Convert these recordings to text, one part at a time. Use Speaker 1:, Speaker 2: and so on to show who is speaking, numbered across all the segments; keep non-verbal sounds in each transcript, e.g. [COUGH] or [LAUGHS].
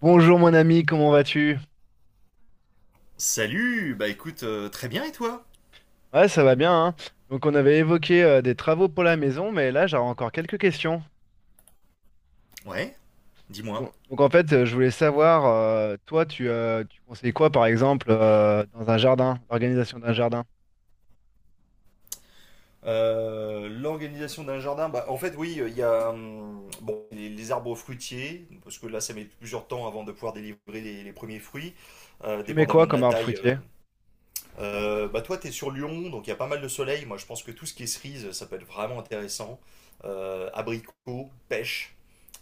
Speaker 1: Bonjour mon ami, comment vas-tu?
Speaker 2: Salut, bah écoute, très bien et toi?
Speaker 1: Ouais, ça va bien, hein. Donc on avait évoqué des travaux pour la maison, mais là j'aurais encore quelques questions.
Speaker 2: Ouais, dis-moi.
Speaker 1: Donc, en fait, je voulais savoir, toi, tu conseilles quoi par exemple dans un jardin, l'organisation d'un jardin?
Speaker 2: L'organisation d'un jardin, bah, en fait, oui, il y a bon, les arbres fruitiers, parce que là, ça met plusieurs temps avant de pouvoir délivrer les premiers fruits,
Speaker 1: Tu mets
Speaker 2: dépendamment
Speaker 1: quoi
Speaker 2: de la
Speaker 1: comme arbre
Speaker 2: taille. euh,
Speaker 1: fruitier?
Speaker 2: Euh, bah toi, tu es sur Lyon, donc il y a pas mal de soleil. Moi, je pense que tout ce qui est cerise, ça peut être vraiment intéressant. Abricots, pêche.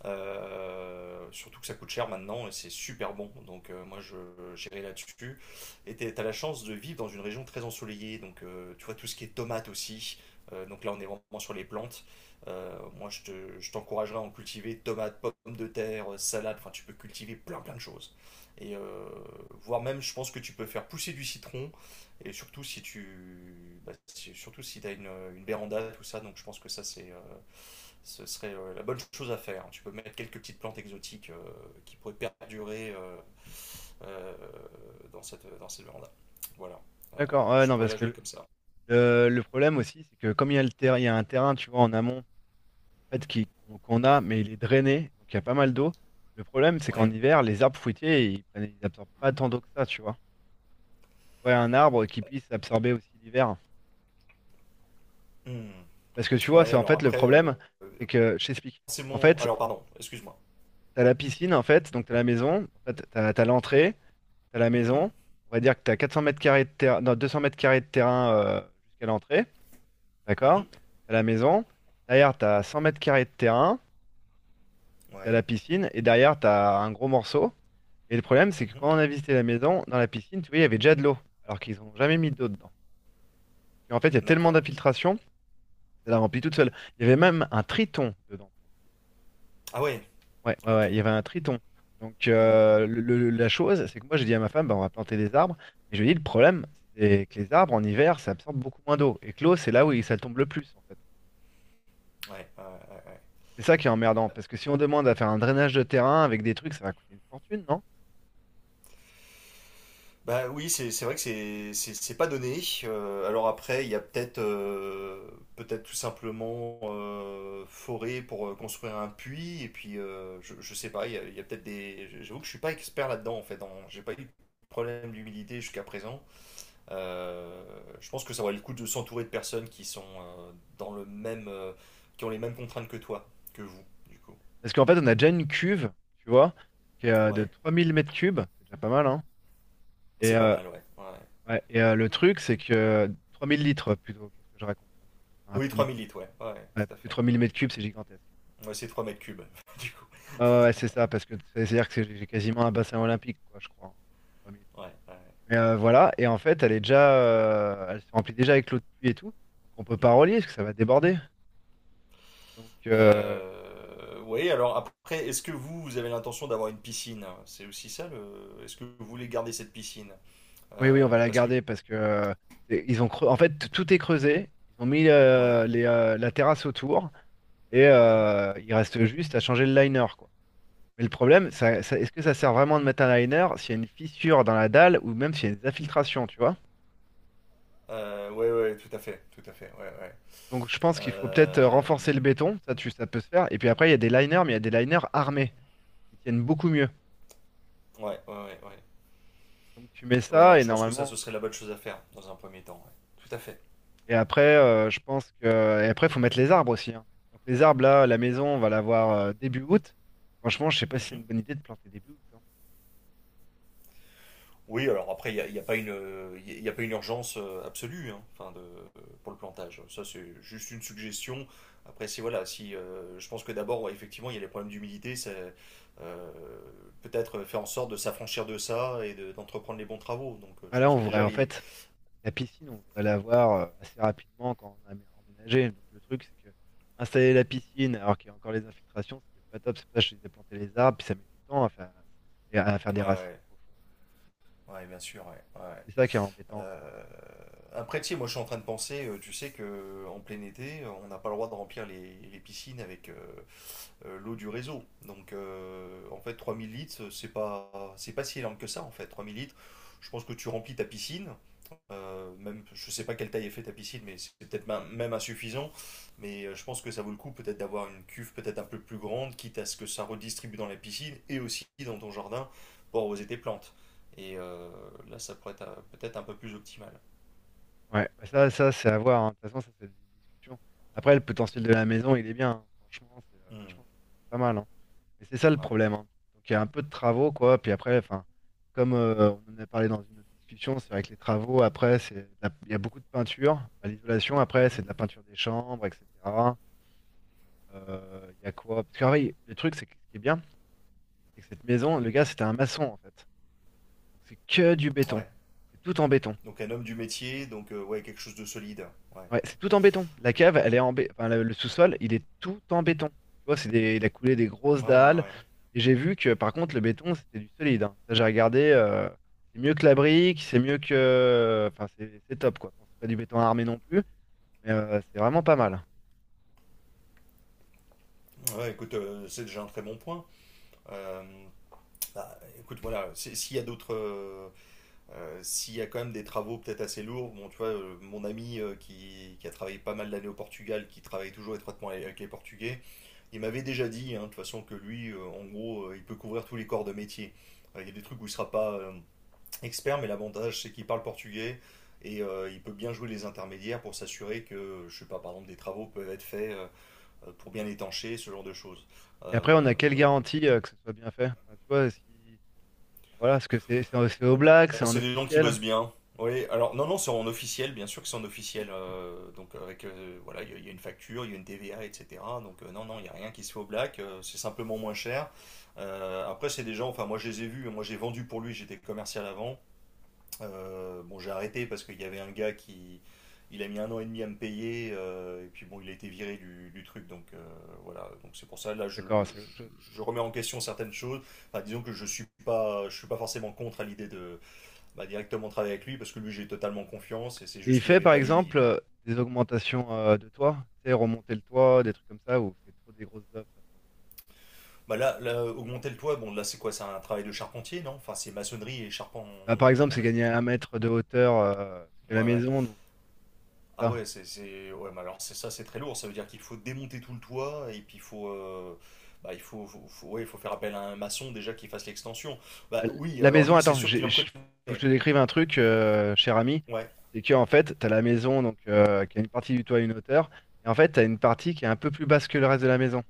Speaker 2: Surtout que ça coûte cher maintenant et c'est super bon. Donc moi, je j'irai là-dessus. Et tu as la chance de vivre dans une région très ensoleillée. Donc tu vois tout ce qui est tomates aussi. Donc là, on est vraiment sur les plantes. Moi, je t'encouragerais à en cultiver tomates, pommes de terre, salade. Enfin, tu peux cultiver plein plein de choses. Et voire même, je pense que tu peux faire pousser du citron et surtout si tu, bah, si- surtout si t'as une véranda, tout ça, donc je pense que ce serait la bonne chose à faire. Tu peux mettre quelques petites plantes exotiques, qui pourraient perdurer, euh, dans dans cette véranda. Voilà.
Speaker 1: D'accord, ouais,
Speaker 2: Je
Speaker 1: non,
Speaker 2: pourrais
Speaker 1: parce
Speaker 2: la
Speaker 1: que
Speaker 2: jouer
Speaker 1: le,
Speaker 2: comme ça.
Speaker 1: le- le problème aussi, c'est que comme il y a le il y a un terrain, tu vois, en amont, en fait, qui, qu'on a, mais il est drainé, donc il y a pas mal d'eau. Le problème, c'est qu'en
Speaker 2: Ouais.
Speaker 1: hiver, les arbres fruitiers, ils prennent, ils absorbent pas tant d'eau que ça, tu vois. Ouais, un arbre qui puisse absorber aussi l'hiver.
Speaker 2: Hmm.
Speaker 1: Parce que tu vois,
Speaker 2: Ouais.
Speaker 1: c'est en
Speaker 2: Alors
Speaker 1: fait le
Speaker 2: après,
Speaker 1: problème, c'est que je t'explique.
Speaker 2: c'est
Speaker 1: En
Speaker 2: mon,
Speaker 1: fait,
Speaker 2: alors pardon, excuse-moi.
Speaker 1: t'as la piscine, en fait, donc t'as la maison, en fait, t'as l'entrée, t'as la
Speaker 2: Mhm.
Speaker 1: maison. On va dire que t'as 400 mètres carrés de terrain, non, 200 mètres carrés de terrain jusqu'à l'entrée, d'accord?
Speaker 2: Mhm.
Speaker 1: T'as la maison. Derrière, t'as 100 mètres carrés de terrain, t'as
Speaker 2: Ouais.
Speaker 1: la piscine, et derrière, t'as un gros morceau. Et le problème, c'est que
Speaker 2: Mhm.
Speaker 1: quand on a visité la maison, dans la piscine, tu vois, il y avait déjà de l'eau, alors qu'ils n'ont jamais mis d'eau dedans. Et en fait, il y a tellement
Speaker 2: D'accord.
Speaker 1: d'infiltration, ça la remplit toute seule. Il y avait même un triton dedans.
Speaker 2: Ah ouais.
Speaker 1: Ouais, ouais,
Speaker 2: Ok.
Speaker 1: ouais, il y avait un triton. Donc euh, le-
Speaker 2: Hmm.
Speaker 1: le- la chose, c'est que moi j'ai dit à ma femme, bah, on va planter des arbres, mais je lui ai dit le problème, c'est que les arbres en hiver, ça absorbe beaucoup moins d'eau. Et que l'eau, c'est là où ça tombe le plus, en fait.
Speaker 2: Ouais, ouais, ouais, ouais.
Speaker 1: C'est ça qui est emmerdant, parce que si on demande à faire un drainage de terrain avec des trucs, ça va coûter une fortune, non?
Speaker 2: Bah oui, c'est vrai que c'est pas donné. Alors après, il y a peut-être, peut-être tout simplement, forêt pour, construire un puits et puis je sais pas. Il y a peut-être des. J'avoue que je suis pas expert là-dedans en fait. J'ai pas eu de problème d'humidité jusqu'à présent. Euh, je pense que ça vaut le coup de s'entourer de personnes qui sont, dans le même, qui ont les mêmes contraintes que toi, que vous du coup.
Speaker 1: Parce qu'en fait, on a déjà une cuve, tu vois, qui est de
Speaker 2: Ouais,
Speaker 1: 3000 mètres cubes, c'est déjà pas mal, hein. Et,
Speaker 2: c'est pas
Speaker 1: euh,
Speaker 2: mal, ouais. Ouais.
Speaker 1: ouais, et euh, le truc, c'est que 3000 litres plutôt, qu'est-ce que je raconte? 3000. Ah,
Speaker 2: Oui,
Speaker 1: trois
Speaker 2: trois
Speaker 1: mille
Speaker 2: mille
Speaker 1: litres.
Speaker 2: litres, ouais. Ouais,
Speaker 1: Ouais,
Speaker 2: tout à
Speaker 1: parce que
Speaker 2: fait.
Speaker 1: 3000 mètres cubes, c'est gigantesque.
Speaker 2: Ouais, c'est 3 mètres cubes [LAUGHS] du coup.
Speaker 1: Ouais, ouais, ouais, c'est ça, parce que c'est-à-dire que c'est j'ai quasiment un bassin olympique, quoi, je crois. En 3000.
Speaker 2: Ouais, ouais, ouais.
Speaker 1: Mais voilà, et en fait, elle est déjà, elle se remplit déjà avec l'eau de pluie et tout, donc on peut pas
Speaker 2: Mhm.
Speaker 1: relier parce que ça va déborder. Donc
Speaker 2: Oui, alors après, est-ce que vous, vous avez l'intention d'avoir une piscine? C'est aussi ça le... Est-ce que vous voulez garder cette piscine?
Speaker 1: oui, oui, on va la
Speaker 2: Parce que...
Speaker 1: garder parce que ils ont en fait tout est creusé, ils ont mis
Speaker 2: Ouais,
Speaker 1: la terrasse autour et
Speaker 2: ouais.
Speaker 1: il reste juste à changer le liner, quoi. Mais le problème, est-ce que ça sert vraiment de mettre un liner s'il y a une fissure dans la dalle ou même s'il y a des infiltrations, tu vois?
Speaker 2: Ouais, ouais, tout à fait, ouais, ouais.
Speaker 1: Donc je pense qu'il faut peut-être
Speaker 2: Euh,
Speaker 1: renforcer le béton, ça, ça peut se faire. Et puis après, il y a des liners, mais il y a des liners armés qui tiennent beaucoup mieux.
Speaker 2: ouais, ouais, ouais, ouais.
Speaker 1: Donc tu mets
Speaker 2: Ouais,
Speaker 1: ça et
Speaker 2: je pense que ça, ce
Speaker 1: normalement.
Speaker 2: serait la bonne chose à faire dans un premier temps, ouais. Tout à fait.
Speaker 1: Et après, je pense que. Et après, il faut mettre les arbres aussi, hein. Donc les arbres, là, la maison, on va l'avoir début août. Franchement, je sais pas si c'est
Speaker 2: Mhm.
Speaker 1: une bonne idée de planter début août, hein.
Speaker 2: Oui, alors après, il y a pas une, il y a pas une urgence, absolue hein, enfin de, pour le plantage. Ça, c'est juste une suggestion. Après, si voilà, si je pense que d'abord, ouais, effectivement, il y a les problèmes d'humidité, c'est, euh, peut-être faire en sorte de s'affranchir de ça et d'entreprendre les bons travaux. Donc,
Speaker 1: Ah,
Speaker 2: je
Speaker 1: là,
Speaker 2: pense
Speaker 1: on
Speaker 2: que
Speaker 1: voudrait,
Speaker 2: déjà
Speaker 1: en
Speaker 2: les,
Speaker 1: fait, la piscine, on voudrait l'avoir assez rapidement quand on a emménagé. Donc le truc, c'est que installer la piscine, alors qu'il y a encore les infiltrations, c'est peut-être pas top. C'est pour ça que je disais planter les arbres, puis ça met du temps à faire, et à faire des
Speaker 2: ouais,
Speaker 1: racines
Speaker 2: ouais,
Speaker 1: profondes.
Speaker 2: ouais, bien sûr, ouais, ouais.
Speaker 1: C'est ça qui est embêtant,
Speaker 2: Euh, Après, tu sais, moi, je suis en train de penser, tu sais que en plein été, on n'a pas le droit de remplir les piscines avec, l'eau du réseau. Donc en fait 3 000 litres, c'est pas si énorme que ça en fait. Trois mille litres, je pense que tu remplis ta piscine, même je sais pas quelle taille est faite ta piscine, mais c'est peut-être, même insuffisant. Mais je pense que ça vaut le coup peut-être d'avoir une cuve peut-être un peu plus grande, quitte à ce que ça redistribue dans la piscine et aussi dans ton jardin pour arroser tes plantes. Et là, ça pourrait être, peut-être un peu plus optimal.
Speaker 1: quoi. Ouais, bah ça, ça c'est à voir, hein. De toute façon, ça, c'est des discussions. Après, le potentiel de la maison, il est bien, hein. Franchement, je
Speaker 2: Hmm.
Speaker 1: pense que c'est pas mal, hein. Mais c'est ça le
Speaker 2: Ouais.
Speaker 1: problème, hein. Donc, il y a un peu de travaux, quoi. Puis après, enfin, comme on en a parlé dans une autre discussion, c'est vrai que les travaux, après, il y a beaucoup de peinture. Bah, l'isolation, après, c'est de la
Speaker 2: Mhm.
Speaker 1: peinture des chambres, etc. Il y a quoi? Parce que, ah oui, le truc, c'est que ce qui est bien, c'est que cette maison, le gars, c'était un maçon, en fait. Donc, c'est que du béton.
Speaker 2: Ouais.
Speaker 1: C'est tout en béton.
Speaker 2: Donc un homme du métier, donc ouais, quelque chose de solide. Ouais.
Speaker 1: Ouais, c'est tout en béton. La cave, elle est enfin, le sous-sol, il est tout en béton. Tu vois, c'est des... il a coulé des
Speaker 2: Ouais,
Speaker 1: grosses
Speaker 2: ouais,
Speaker 1: dalles.
Speaker 2: ouais.
Speaker 1: Et j'ai vu que par contre, le béton, c'était du solide, hein. Ça, j'ai regardé. C'est mieux que la brique, c'est mieux que. Enfin, c'est top, quoi. Bon, c'est pas du béton armé non plus, mais c'est vraiment pas mal.
Speaker 2: Ouais, écoute, c'est déjà un très bon point. Euh, Bah, écoute, voilà, s'il y a d'autres, s'il y a quand même des travaux peut-être assez lourds, bon, tu vois, mon ami, qui a travaillé pas mal d'années au Portugal, qui travaille toujours étroitement avec les Portugais. Il m'avait déjà dit, hein, de toute façon, que lui, en gros, il peut couvrir tous les corps de métier. Il y a des trucs où il sera pas, expert, mais l'avantage, c'est qu'il parle portugais et, il peut bien jouer les intermédiaires pour s'assurer que, je sais pas, par exemple, des travaux peuvent être faits, pour bien étancher, ce genre de choses.
Speaker 1: Et après, on
Speaker 2: Euh,
Speaker 1: a quelle garantie que ce soit bien fait? Enfin, tu vois, si... voilà, est-ce que c'est au
Speaker 2: Bah,
Speaker 1: black, c'est en
Speaker 2: c'est des gens qui
Speaker 1: officiel?
Speaker 2: bossent bien. Oui, alors non, non, c'est en officiel, bien sûr que c'est en officiel. Donc avec, voilà, il y a une facture, il y a une TVA, etc. Donc non, non, il n'y a rien qui se fait au black, c'est simplement moins cher. Après, c'est des gens, enfin moi je les ai vus, moi j'ai vendu pour lui, j'étais commercial avant. Bon, j'ai arrêté parce qu'il y avait un gars qui, il a mis 1 an et demi à me payer, et puis bon, il a été viré du truc, donc voilà. Donc c'est pour ça, là,
Speaker 1: D'accord, c'est autre chose.
Speaker 2: je remets en question certaines choses. Enfin, disons que je suis pas forcément contre à l'idée de, bah, directement travailler avec lui parce que lui j'ai totalement confiance et c'est
Speaker 1: Et il
Speaker 2: juste qu'il
Speaker 1: fait
Speaker 2: avait
Speaker 1: par
Speaker 2: pas les billes.
Speaker 1: exemple des augmentations de toit, tu sais, remonter le toit, des trucs comme ça, ou c'est trop des grosses œuvres, ça, pour lui.
Speaker 2: Bah là, là, augmenter le toit, bon là c'est quoi? C'est un travail de charpentier, non? Enfin c'est maçonnerie et charpent.
Speaker 1: Bah, par exemple, c'est
Speaker 2: Ouais,
Speaker 1: gagner un mètre de hauteur parce que la
Speaker 2: ouais, ouais.
Speaker 1: maison, donc
Speaker 2: Ah
Speaker 1: ça.
Speaker 2: ouais, ouais, mais alors c'est ça, c'est très lourd. Ça veut dire qu'il faut démonter tout le toit et puis il faut, bah, il faut, faut- faut- ouais, il faut faire appel à un maçon déjà qui fasse l'extension. Bah
Speaker 1: Bah,
Speaker 2: oui,
Speaker 1: la
Speaker 2: alors
Speaker 1: maison,
Speaker 2: lui c'est
Speaker 1: attends,
Speaker 2: sûr qu'il en connaît.
Speaker 1: faut que je te décrive un truc, cher ami.
Speaker 2: Ouais.
Speaker 1: C'est que en fait, t'as la maison donc qui a une partie du toit à une hauteur, et en fait, t'as une partie qui est un peu plus basse que le reste de la maison.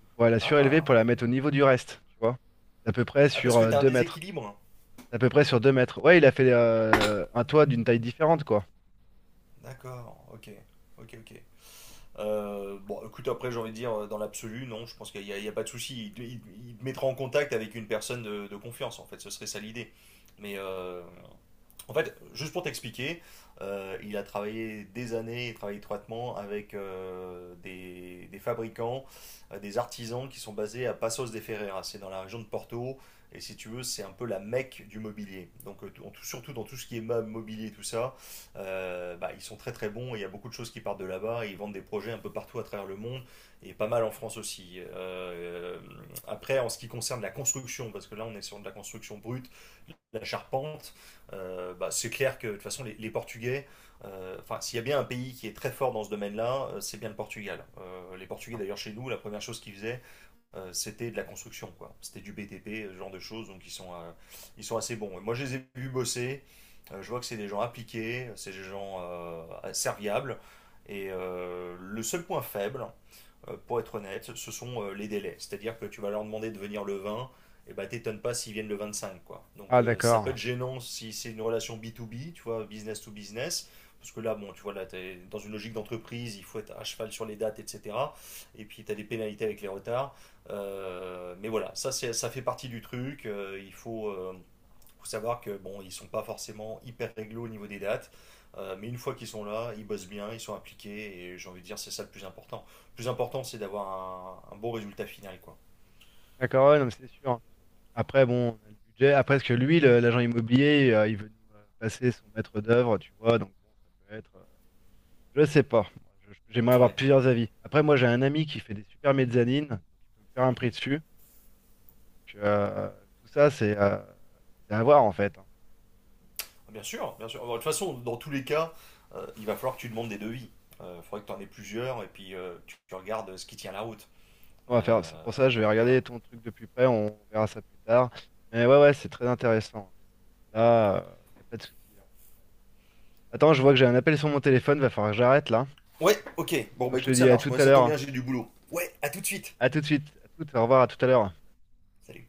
Speaker 1: Donc, faut la surélever
Speaker 2: Ah,
Speaker 1: pour la mettre au niveau du reste, tu vois. C'est à peu près
Speaker 2: ah, parce
Speaker 1: sur
Speaker 2: que
Speaker 1: euh,
Speaker 2: t'as un
Speaker 1: 2 mètres.
Speaker 2: déséquilibre.
Speaker 1: C'est à peu près sur 2 mètres. Ouais, il a fait un toit d'une taille différente, quoi.
Speaker 2: D'accord. Ok. Ok. Ok. Bon, écoute, après, j'ai envie de dire, dans l'absolu, non, je pense il y a pas de souci. Il te mettra en contact avec une personne de confiance, en fait, ce serait ça l'idée. Mais en fait, juste pour t'expliquer, il a travaillé des années, il travaille étroitement avec, des fabricants, des artisans qui sont basés à Passos de Ferreira. C'est dans la région de Porto, et si tu veux, c'est un peu la mecque du mobilier. Donc, surtout dans tout ce qui est meubles, mobilier, tout ça, bah, ils sont très très bons, et il y a beaucoup de choses qui partent de là-bas, et ils vendent des projets un peu partout à travers le monde, et pas mal en France aussi. Après, en ce qui concerne la construction, parce que là, on est sur de la construction brute, la charpente, bah, c'est clair que de toute façon les Portugais, enfin s'il y a bien un pays qui est très fort dans ce domaine-là, c'est bien le Portugal. Les Portugais d'ailleurs chez nous, la première chose qu'ils faisaient, c'était de la construction, quoi. C'était du BTP, ce genre de choses, donc ils sont assez bons. Et moi je les ai vus bosser, je vois que c'est des gens appliqués, c'est des gens, serviables. Et le seul point faible, pour être honnête, ce sont, les délais. C'est-à-dire que tu vas leur demander de venir le 20, et bah t'étonnes pas s'ils viennent le 25. Quoi. Donc
Speaker 1: Ah
Speaker 2: ça peut
Speaker 1: d'accord.
Speaker 2: être gênant si c'est une relation B2B, tu vois, business to business. Parce que là, bon, tu vois, là, es dans une logique d'entreprise, il faut être à cheval sur les dates, etc. Et puis, tu as des pénalités avec les retards. Mais voilà, ça, c'est, ça fait partie du truc. Faut savoir que bon, ils sont pas forcément hyper réglo au niveau des dates, mais une fois qu'ils sont là, ils bossent bien, ils sont appliqués, et j'ai envie de dire c'est ça le plus important. Le plus important, c'est d'avoir un bon résultat final, quoi.
Speaker 1: D'accord, ouais, non, mais c'est sûr. Après, bon, on a le budget. Après, parce que lui, l'agent immobilier, il veut nous passer son maître d'œuvre, tu vois. Donc bon, ça peut être. Je sais pas. Moi, j'aimerais avoir
Speaker 2: Ouais.
Speaker 1: plusieurs avis. Après, moi, j'ai un ami qui fait des super mezzanines. Donc, il peut me faire un
Speaker 2: Mhm.
Speaker 1: prix dessus. Donc, tout ça, c'est c'est à voir en fait, hein.
Speaker 2: Ah, bien sûr, bien sûr. Bon, de toute façon, dans tous les cas, il va falloir que tu demandes des devis. Il faudrait que tu en aies plusieurs et puis tu regardes ce qui tient la route.
Speaker 1: On va faire. C'est
Speaker 2: Euh,
Speaker 1: pour ça, je vais
Speaker 2: voilà.
Speaker 1: regarder ton truc de plus près. On verra ça plus tard. Mais ouais, ouais, c'est très intéressant. Là, il n'y a pas de souci, hein. Attends, je vois que j'ai un appel sur mon téléphone. Va falloir que j'arrête là.
Speaker 2: Ouais, ok. Bon,
Speaker 1: Donc
Speaker 2: bah
Speaker 1: je te
Speaker 2: écoute, ça
Speaker 1: dis à
Speaker 2: marche.
Speaker 1: tout
Speaker 2: Moi,
Speaker 1: à
Speaker 2: ça
Speaker 1: l'heure,
Speaker 2: tombe
Speaker 1: hein.
Speaker 2: bien, j'ai du boulot. Ouais, à tout de suite.
Speaker 1: À tout de suite. À tout, au revoir, à tout à l'heure.
Speaker 2: Salut.